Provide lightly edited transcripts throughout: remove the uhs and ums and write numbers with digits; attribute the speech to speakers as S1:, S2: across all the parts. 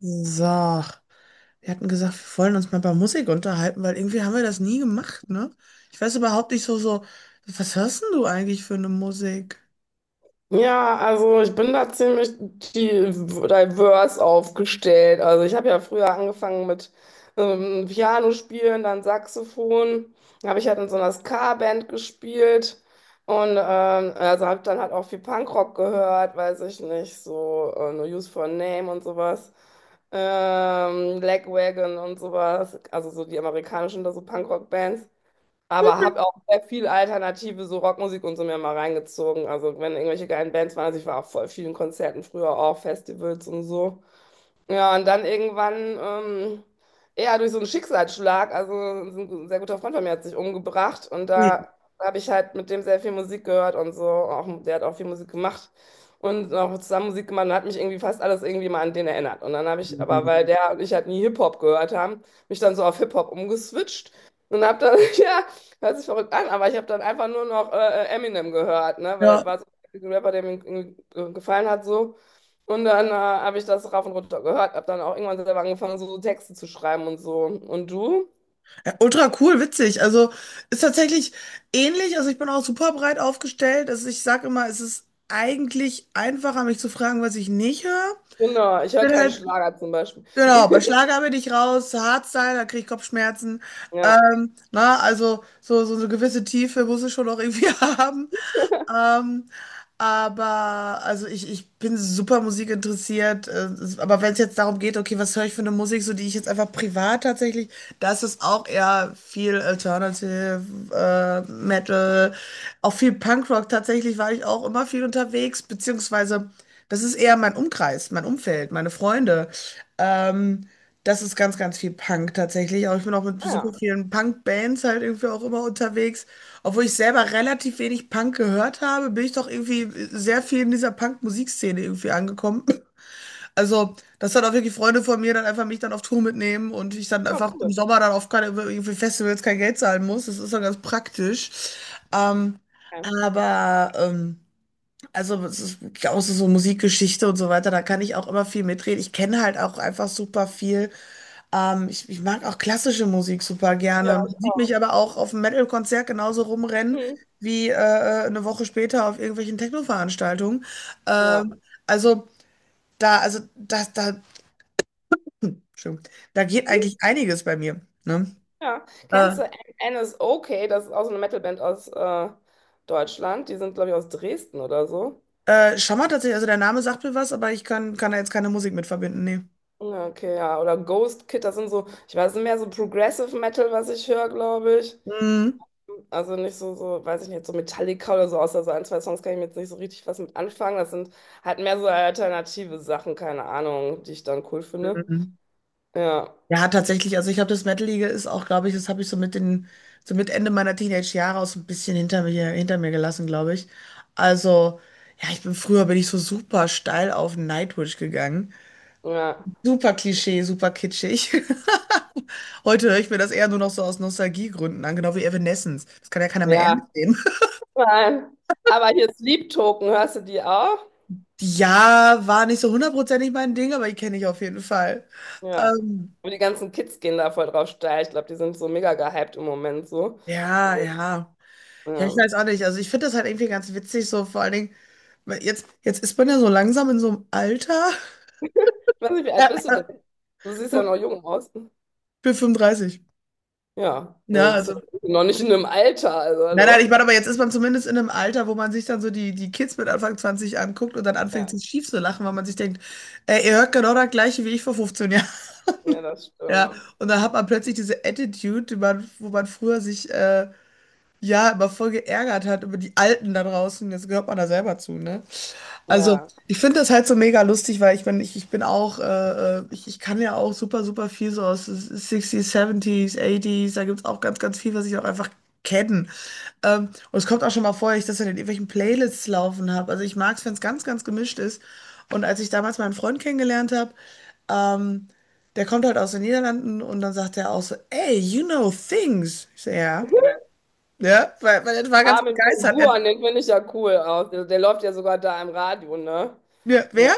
S1: So, wir hatten gesagt, wir wollen uns mal über Musik unterhalten, weil irgendwie haben wir das nie gemacht, ne? Ich weiß überhaupt nicht so, was hörst denn du eigentlich für eine Musik?
S2: Ja, also ich bin da ziemlich diverse aufgestellt. Also ich habe ja früher angefangen mit Piano spielen, dann Saxophon. Dann habe ich halt in so einer Ska-Band gespielt und also habe dann halt auch viel Punkrock gehört, weiß ich nicht, so No Use for a Name und sowas. Lagwagon und sowas, also so die amerikanischen da so Punkrock-Bands. Aber habe auch sehr viel alternative so Rockmusik und so mir mal reingezogen. Also wenn irgendwelche geilen Bands waren, also ich war auf voll vielen Konzerten früher auch, Festivals und so. Ja, und dann irgendwann, ähm, ja, durch so einen Schicksalsschlag, also so ein sehr guter Freund von mir hat sich umgebracht und da
S1: Ui.
S2: habe ich halt mit dem sehr viel Musik gehört und so, auch, der hat auch viel Musik gemacht und auch zusammen Musik gemacht und hat mich irgendwie fast alles irgendwie mal an den erinnert. Und dann habe ich, aber weil der und ich halt nie Hip-Hop gehört haben, mich dann so auf Hip-Hop umgeswitcht und habe dann, ja, hört sich verrückt an, aber ich habe dann einfach nur noch Eminem gehört, ne, weil
S1: Ja,
S2: das war so ein Rapper, der mir irgendwie gefallen hat so. Und dann habe ich das rauf und runter gehört, habe dann auch irgendwann selber angefangen, so, so Texte zu schreiben und so. Und du?
S1: ja, ultra cool, witzig. Also ist tatsächlich ähnlich. Also ich bin auch super breit aufgestellt. Also ich sage immer, es ist eigentlich einfacher, mich zu fragen, was ich nicht höre.
S2: Genau, ich höre
S1: Bin
S2: keinen
S1: halt,
S2: Schlager zum Beispiel.
S1: genau, bei Schlager bin ich raus, Hardstyle, da kriege ich Kopfschmerzen.
S2: Ja.
S1: Na, also so eine gewisse Tiefe muss es schon auch irgendwie haben. Ähm, aber also ich bin super musikinteressiert. Aber wenn es jetzt darum geht, okay, was höre ich für eine Musik, so die ich jetzt einfach privat tatsächlich, das ist auch eher viel Alternative, Metal, auch viel Punkrock. Tatsächlich war ich auch immer viel unterwegs, beziehungsweise das ist eher mein Umkreis, mein Umfeld, meine Freunde. Ähm, das ist ganz, ganz viel Punk tatsächlich. Auch ich bin auch mit
S2: Ah
S1: super
S2: ja,
S1: vielen Punk-Bands halt irgendwie auch immer unterwegs. Obwohl ich selber relativ wenig Punk gehört habe, bin ich doch irgendwie sehr viel in dieser Punk-Musikszene irgendwie angekommen. Also, dass dann auch wirklich Freunde von mir dann einfach mich dann auf Tour mitnehmen und ich dann
S2: ja,
S1: einfach im
S2: cool.
S1: Sommer dann auf keine, irgendwie Festivals kein Geld zahlen muss. Das ist dann ganz praktisch. Ähm,
S2: Ja,
S1: aber, ähm, also, es ist auch so Musikgeschichte und so weiter, da kann ich auch immer viel mitreden. Ich kenne halt auch einfach super viel. Ich mag auch klassische Musik super gerne.
S2: ja,
S1: Man
S2: ich
S1: sieht mich
S2: auch.
S1: aber auch auf einem Metal-Konzert genauso rumrennen
S2: Hm.
S1: wie eine Woche später auf irgendwelchen Techno-Veranstaltungen.
S2: Ja.
S1: Ähm, also da, also das, da, Entschuldigung, da geht
S2: Hm,
S1: eigentlich einiges bei mir. Ne?
S2: ja.
S1: Äh,
S2: Kennst du N is okay? Das ist auch so eine Metalband aus Deutschland. Die sind, glaube ich, aus Dresden oder so.
S1: Schammer tatsächlich, also der Name sagt mir was, aber ich kann da jetzt keine Musik mit verbinden. Nee.
S2: Ja, okay, ja. Oder Ghost Kid, das sind so, ich weiß nicht mehr, so Progressive Metal, was ich höre, glaube ich.
S1: Mhm.
S2: Also nicht so, so, weiß ich nicht, so Metallica oder so, außer so ein, zwei Songs kann ich mir jetzt nicht so richtig was mit anfangen. Das sind halt mehr so alternative Sachen, keine Ahnung, die ich dann cool finde.
S1: Mhm.
S2: Ja,
S1: Ja, tatsächlich. Also ich habe das Metal-Liga ist auch, glaube ich, das habe ich so mit den, so mit Ende meiner Teenage-Jahre auch so ein bisschen hinter mir gelassen, glaube ich. Also, ja, ich bin früher bin ich so super steil auf Nightwish gegangen.
S2: ja,
S1: Super Klischee, super kitschig. Heute höre ich mir das eher nur noch so aus Nostalgiegründen an, genau wie Evanescence. Das kann ja keiner mehr ernst
S2: ja.
S1: nehmen.
S2: Nein. Aber hier Sleep Token, hörst du die auch?
S1: Ja, war nicht so hundertprozentig mein Ding, aber die kenne ich auf jeden Fall.
S2: Ja.
S1: Ähm,
S2: Und die ganzen Kids gehen da voll drauf steil. Ich glaube, die sind so mega gehypt im Moment so.
S1: ja, ja. Ja,
S2: Ja.
S1: ich weiß auch nicht. Also ich finde das halt irgendwie ganz witzig, so vor allen Dingen. Weil jetzt ist man ja so langsam in so einem Alter.
S2: Ich weiß nicht, wie alt bist du
S1: Ich
S2: denn? Du siehst ja noch jung aus.
S1: bin 35.
S2: Ja, du
S1: Ja,
S2: bist ja
S1: also.
S2: noch nicht in einem Alter, also
S1: Nein, nein, ich
S2: hallo.
S1: meine, aber jetzt ist man zumindest in einem Alter, wo man sich dann so die, die Kids mit Anfang 20 anguckt und dann anfängt,
S2: Ja,
S1: sich schief zu lachen, weil man sich denkt, ey, ihr hört genau das Gleiche wie ich vor 15 Jahren.
S2: ja, das
S1: Ja,
S2: stimmt.
S1: und dann hat man plötzlich diese Attitude, die man, wo man früher sich ja immer voll geärgert hat über die Alten da draußen. Jetzt gehört man da selber zu, ne? Also,
S2: Ja.
S1: ich finde das halt so mega lustig, weil ich kann ja auch super, super viel so aus 60ern, 70ern da gibt es auch ganz, ganz viel, was ich auch einfach kenne. Und es kommt auch schon mal vor, dass ich das in irgendwelchen Playlists laufen habe. Also ich mag es, wenn es ganz, ganz gemischt ist. Und als ich damals meinen Freund kennengelernt habe, ähm, der kommt halt aus den Niederlanden und dann sagt er auch so, ey, you know things. Ich so, ja. Ja, weil, weil er war ganz
S2: Armin von
S1: begeistert.
S2: Buuren, den finde ich ja cool aus. Der, der läuft ja sogar da im Radio, ne?
S1: Ja,
S2: Ja.
S1: wer?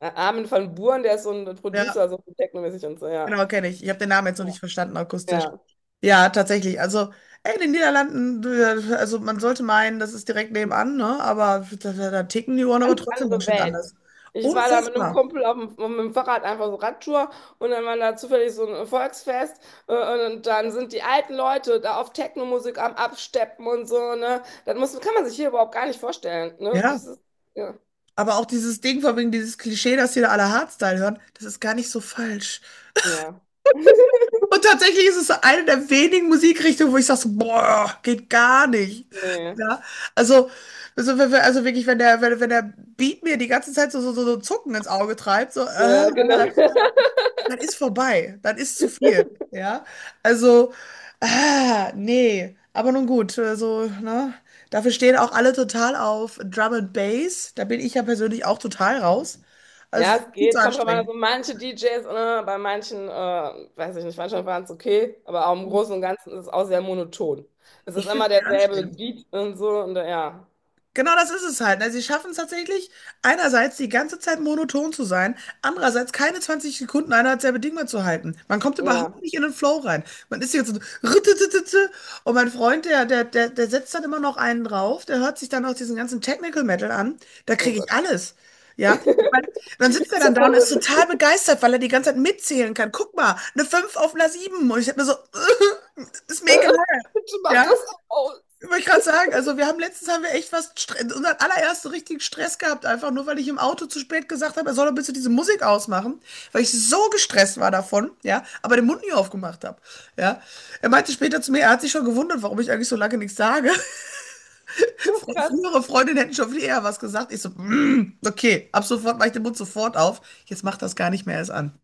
S2: Armin von Buuren, der ist so ein
S1: Ja.
S2: Producer, so technomäßig und so, ja.
S1: Genau, kenne ich. Ich habe den Namen jetzt noch
S2: Ja.
S1: nicht verstanden, akustisch.
S2: Ja.
S1: Ja, tatsächlich. Also, ey, in den Niederlanden, also man sollte meinen, das ist direkt nebenan, ne? Aber da ticken die Uhren aber
S2: Ganz
S1: trotzdem ganz
S2: andere
S1: schön
S2: Welt.
S1: anders.
S2: Ich war da mit einem
S1: Unfassbar.
S2: Kumpel auf dem, mit dem Fahrrad einfach so Radtour und dann war da zufällig so ein Volksfest äh, und dann sind die alten Leute da auf Technomusik am Absteppen und so, ne? Das muss, kann man sich hier überhaupt gar nicht vorstellen, ne?
S1: Ja.
S2: Das ist, ja.
S1: Aber auch dieses Ding von wegen dieses Klischee, dass hier alle Hardstyle hören, das ist gar nicht so falsch.
S2: Ja.
S1: Und tatsächlich ist es eine der wenigen Musikrichtungen, wo ich sage, so, boah, geht gar nicht.
S2: Nee.
S1: Ja, also, also, wenn wir- also wirklich, wenn der, wenn der Beat mir die ganze Zeit so Zucken ins Auge treibt, so,
S2: Ja, genau.
S1: das ist vorbei. Das ist zu viel, ja. Also, ah, nee, aber nun gut, also, ne. Dafür stehen auch alle total auf Drum and Bass. Da bin ich ja persönlich auch total raus. Also,
S2: Ja,
S1: es ist
S2: es
S1: viel zu
S2: geht. Kommt drauf an,
S1: anstrengend.
S2: also manche DJs, ne, bei manchen, weiß ich nicht, manchmal waren es okay, aber auch im Großen und Ganzen ist es auch sehr monoton. Es ist
S1: Ich finde
S2: immer
S1: es sehr
S2: derselbe
S1: anstrengend.
S2: Beat und so und ja,
S1: Genau das ist es halt. Ne? Sie schaffen es tatsächlich, einerseits die ganze Zeit monoton zu sein, andererseits keine 20 Sekunden einer selbe Ding mehr zu halten. Man kommt
S2: ja,
S1: überhaupt nicht in den Flow rein. Man ist hier so rüttetete und mein Freund, der setzt dann immer noch einen drauf, der hört sich dann auch diesen ganzen Technical Metal an, da
S2: oh
S1: kriege ich
S2: Gott.
S1: alles. Ja, Ich mein, dann sitzt er dann da und ist
S2: Zuckerin,
S1: total begeistert, weil er die ganze Zeit mitzählen kann. Guck mal, eine 5 auf einer sieben. Und ich hab mir so, ist mega.
S2: bitte mach das
S1: Ja,
S2: aus.
S1: wollte ich gerade sagen, also wir haben letztens haben wir echt was, unseren allerersten richtigen Stress gehabt, einfach nur weil ich im Auto zu spät gesagt habe, er soll doch bitte diese Musik ausmachen, weil ich so gestresst war davon, ja, aber den Mund nie aufgemacht habe, ja. Er meinte später zu mir, er hat sich schon gewundert, warum ich eigentlich so lange nichts sage.
S2: Ja, krass.
S1: Frühere Freundinnen hätten schon viel eher was gesagt. Ich so, okay, ab sofort mache ich den Mund sofort auf. Jetzt macht das gar nicht mehr erst an.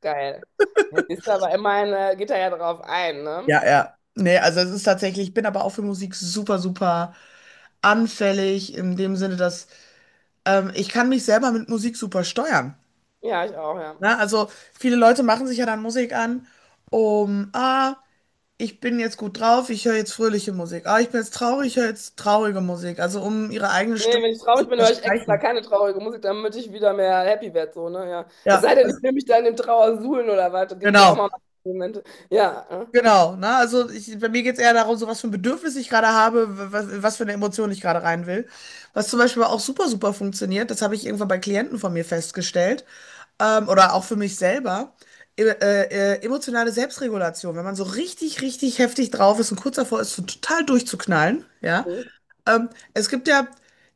S2: Geil. Jetzt ist aber immerhin, geht er ja drauf ein, ne?
S1: Ja, ja. Nee, also es ist tatsächlich, ich bin aber auch für Musik super, super anfällig, in dem Sinne, dass ich kann mich selber mit Musik super steuern.
S2: Ja, ich auch, ja.
S1: Ne? Also viele Leute machen sich ja dann Musik an, um, ich bin jetzt gut drauf, ich höre jetzt fröhliche Musik. Ah, ich bin jetzt traurig, ich höre jetzt traurige Musik. Also um ihre eigene
S2: Nee,
S1: Stimme
S2: wenn ich
S1: zu
S2: traurig bin, höre ich extra
S1: verstreichen.
S2: keine traurige Musik, damit ich wieder mehr happy werde, so, ne? Ja. Es
S1: Ja,
S2: sei denn,
S1: also,
S2: ich will mich da in dem Trauersuhlen oder was, da gibt es ja auch
S1: genau.
S2: mal Momente. Ja, ne?
S1: Genau, ne? Also ich, bei mir geht es eher darum, so was für ein Bedürfnis ich gerade habe, was für eine Emotion ich gerade rein will. Was zum Beispiel auch super, super funktioniert, das habe ich irgendwann bei Klienten von mir festgestellt, oder auch für mich selber, e emotionale Selbstregulation. Wenn man so richtig, richtig heftig drauf ist und kurz davor ist, so total durchzuknallen, ja.
S2: Mhm.
S1: Ähm, es gibt ja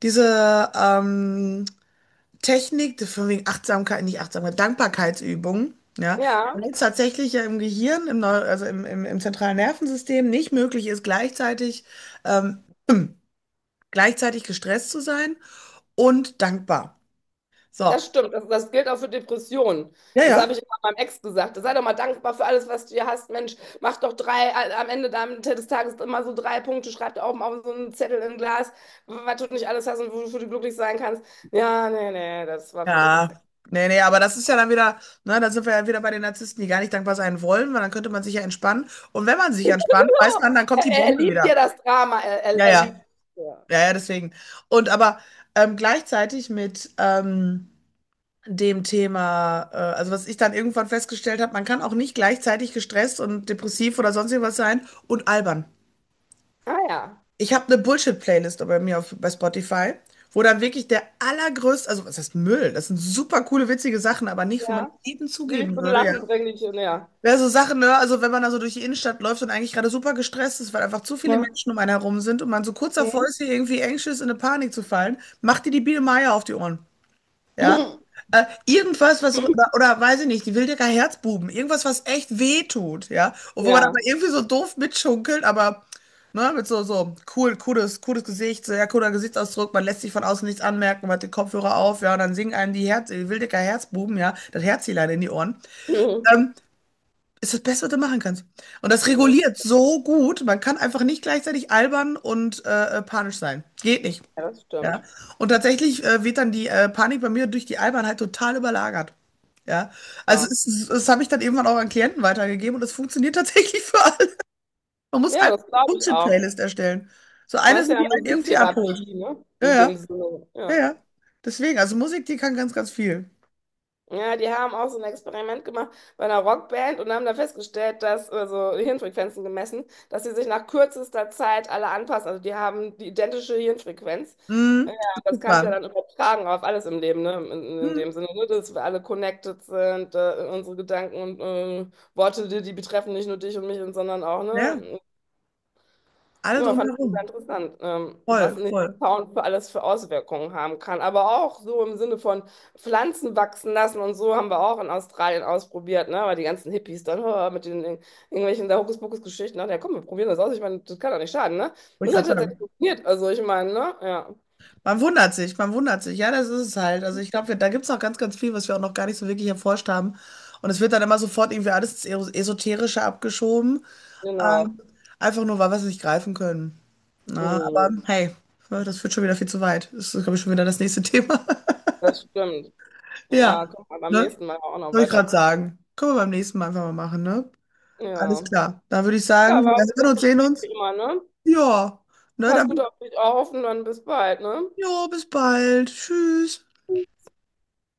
S1: diese, ähm, Technik, von wegen Achtsamkeit, nicht Achtsamkeit, Dankbarkeitsübungen, ja,
S2: Ja,
S1: wenn es tatsächlich ja im Gehirn, im Neu also im, im, im zentralen Nervensystem nicht möglich ist, gleichzeitig, ähm, gleichzeitig gestresst zu sein und dankbar. So,
S2: das stimmt. Das gilt auch für Depressionen.
S1: ja,
S2: Das habe ich
S1: ja.
S2: immer meinem Ex gesagt. Sei doch mal dankbar für alles, was du hier hast. Mensch, mach doch drei, am Ende des Tages immer so drei Punkte, schreib da oben auf so einen Zettel in ein Glas, was du nicht alles hast und wofür du glücklich sein kannst. Ja, nee, nee, das war für den
S1: Ja,
S2: Ex.
S1: nee, nee, aber das ist ja dann wieder, ne, da sind wir ja wieder bei den Narzissten, die gar nicht dankbar sein wollen, weil dann könnte man sich ja entspannen. Und wenn man sich entspannt, weiß
S2: Oh,
S1: man, dann kommt
S2: Er,
S1: die
S2: er
S1: Bombe
S2: liebt
S1: wieder.
S2: ja das Drama, er, er,
S1: Ja,
S2: er liebt.
S1: ja,
S2: Ja.
S1: ja, ja, deswegen. Und aber gleichzeitig mit, dem Thema, also was ich dann irgendwann festgestellt habe, man kann auch nicht gleichzeitig gestresst und depressiv oder sonst irgendwas sein und albern.
S2: Ah ja,
S1: Ich habe eine Bullshit-Playlist bei mir auf, bei Spotify, wo dann wirklich der allergrößte, also was heißt Müll? Das sind super coole, witzige Sachen, aber nicht, wo man
S2: ja.
S1: jedem
S2: Die dich
S1: zugeben
S2: zum
S1: würde, ja.
S2: Lachen bringen, die ja.
S1: Ja, so Sachen, ne? Also wenn man da so durch die Innenstadt läuft und eigentlich gerade super gestresst ist, weil einfach zu viele
S2: Ne?
S1: Menschen um einen herum sind und man so kurz davor
S2: Mhm.
S1: ist, hier irgendwie anxious in eine Panik zu fallen, macht dir die Biene Meier auf die Ohren. Ja. Irgendwas, was, so, oder, oder weiß ich nicht, die Wildecker Herzbuben, irgendwas, was echt weh tut, ja. Und wo man aber
S2: Ja.
S1: irgendwie so doof mitschunkelt, aber ne, mit so, so cooles Gesicht, sehr cooler Gesichtsausdruck, man lässt sich von außen nichts anmerken, man hat den Kopfhörer auf, ja, und dann singen einem die Wildecker Herzbuben, ja, das Herzelein in die Ohren. Ähm, ist das Beste, was du machen kannst. Und das
S2: Ne,
S1: reguliert so gut, man kann einfach nicht gleichzeitig albern und panisch sein. Geht nicht.
S2: ja, das
S1: Ja.
S2: stimmt.
S1: Und tatsächlich wird dann die Panik bei mir durch die Albernheit total überlagert. Ja. Also
S2: Wahr.
S1: das habe ich dann irgendwann auch an Klienten weitergegeben und es funktioniert tatsächlich für alle. Man muss
S2: Ja,
S1: einfach
S2: das
S1: eine
S2: glaube ich auch.
S1: Bullshit-Playlist erstellen. So eine,
S2: Das ist
S1: so
S2: ja
S1: die einen irgendwie abholt.
S2: Musiktherapie, ne?
S1: Ja,
S2: In
S1: ja,
S2: dem Sinne.
S1: ja,
S2: Ja.
S1: ja. Deswegen, also Musik, die kann ganz, ganz viel.
S2: Ja, die haben auch so ein Experiment gemacht bei einer Rockband und haben da festgestellt, dass, also Hirnfrequenzen gemessen, dass sie sich nach kürzester Zeit alle anpassen. Also die haben die identische Hirnfrequenz. Ja,
S1: Mhm.
S2: das kannst du
S1: Abgefahren.
S2: ja dann übertragen auf alles im Leben, ne? In
S1: Mhm.
S2: dem Sinne, ne? Dass wir alle connected sind, unsere Gedanken und Worte, die betreffen nicht nur dich und mich, sondern auch,
S1: Ja,
S2: ne?
S1: alle
S2: Ja, fand ich sehr
S1: drumherum.
S2: interessant, was
S1: Voll,
S2: ein
S1: voll.
S2: Sound für alles für Auswirkungen haben kann. Aber auch so im Sinne von Pflanzen wachsen lassen und so haben wir auch in Australien ausprobiert, ne? Weil die ganzen Hippies dann oh, mit den irgendwelchen da Hokuspokus-Geschichten, ach ja, komm, wir probieren das aus. Ich meine, das kann doch nicht schaden, ne?
S1: Wollte ich
S2: Das hat
S1: gerade
S2: tatsächlich
S1: sagen.
S2: funktioniert. Also ich meine, ne? Ja,
S1: Man wundert sich, man wundert sich. Ja, das ist es halt. Also ich glaube, wir- da gibt es auch ganz, ganz viel, was wir auch noch gar nicht so wirklich erforscht haben. Und es wird dann immer sofort irgendwie alles ins Esoterische abgeschoben.
S2: genau.
S1: Ähm, einfach nur, weil wir es nicht greifen können. Na, aber
S2: Mm,
S1: hey, das führt schon wieder viel zu weit. Das ist, glaube ich, schon wieder das nächste Thema.
S2: das stimmt. Ja,
S1: Ja,
S2: komm mal beim
S1: ne?
S2: nächsten Mal auch noch
S1: Soll ich
S2: weiter.
S1: gerade sagen. Können wir beim nächsten Mal einfach mal machen, ne? Alles
S2: Ja.
S1: klar. Dann würde ich sagen,
S2: Ja,
S1: wir
S2: war ein
S1: hören
S2: gutes
S1: uns, sehen
S2: Gespräch wie
S1: uns.
S2: immer, ne?
S1: Ja, ne,
S2: Pass gut auf dich auf und dann bis bald, ne?
S1: jo, bis bald. Tschüss.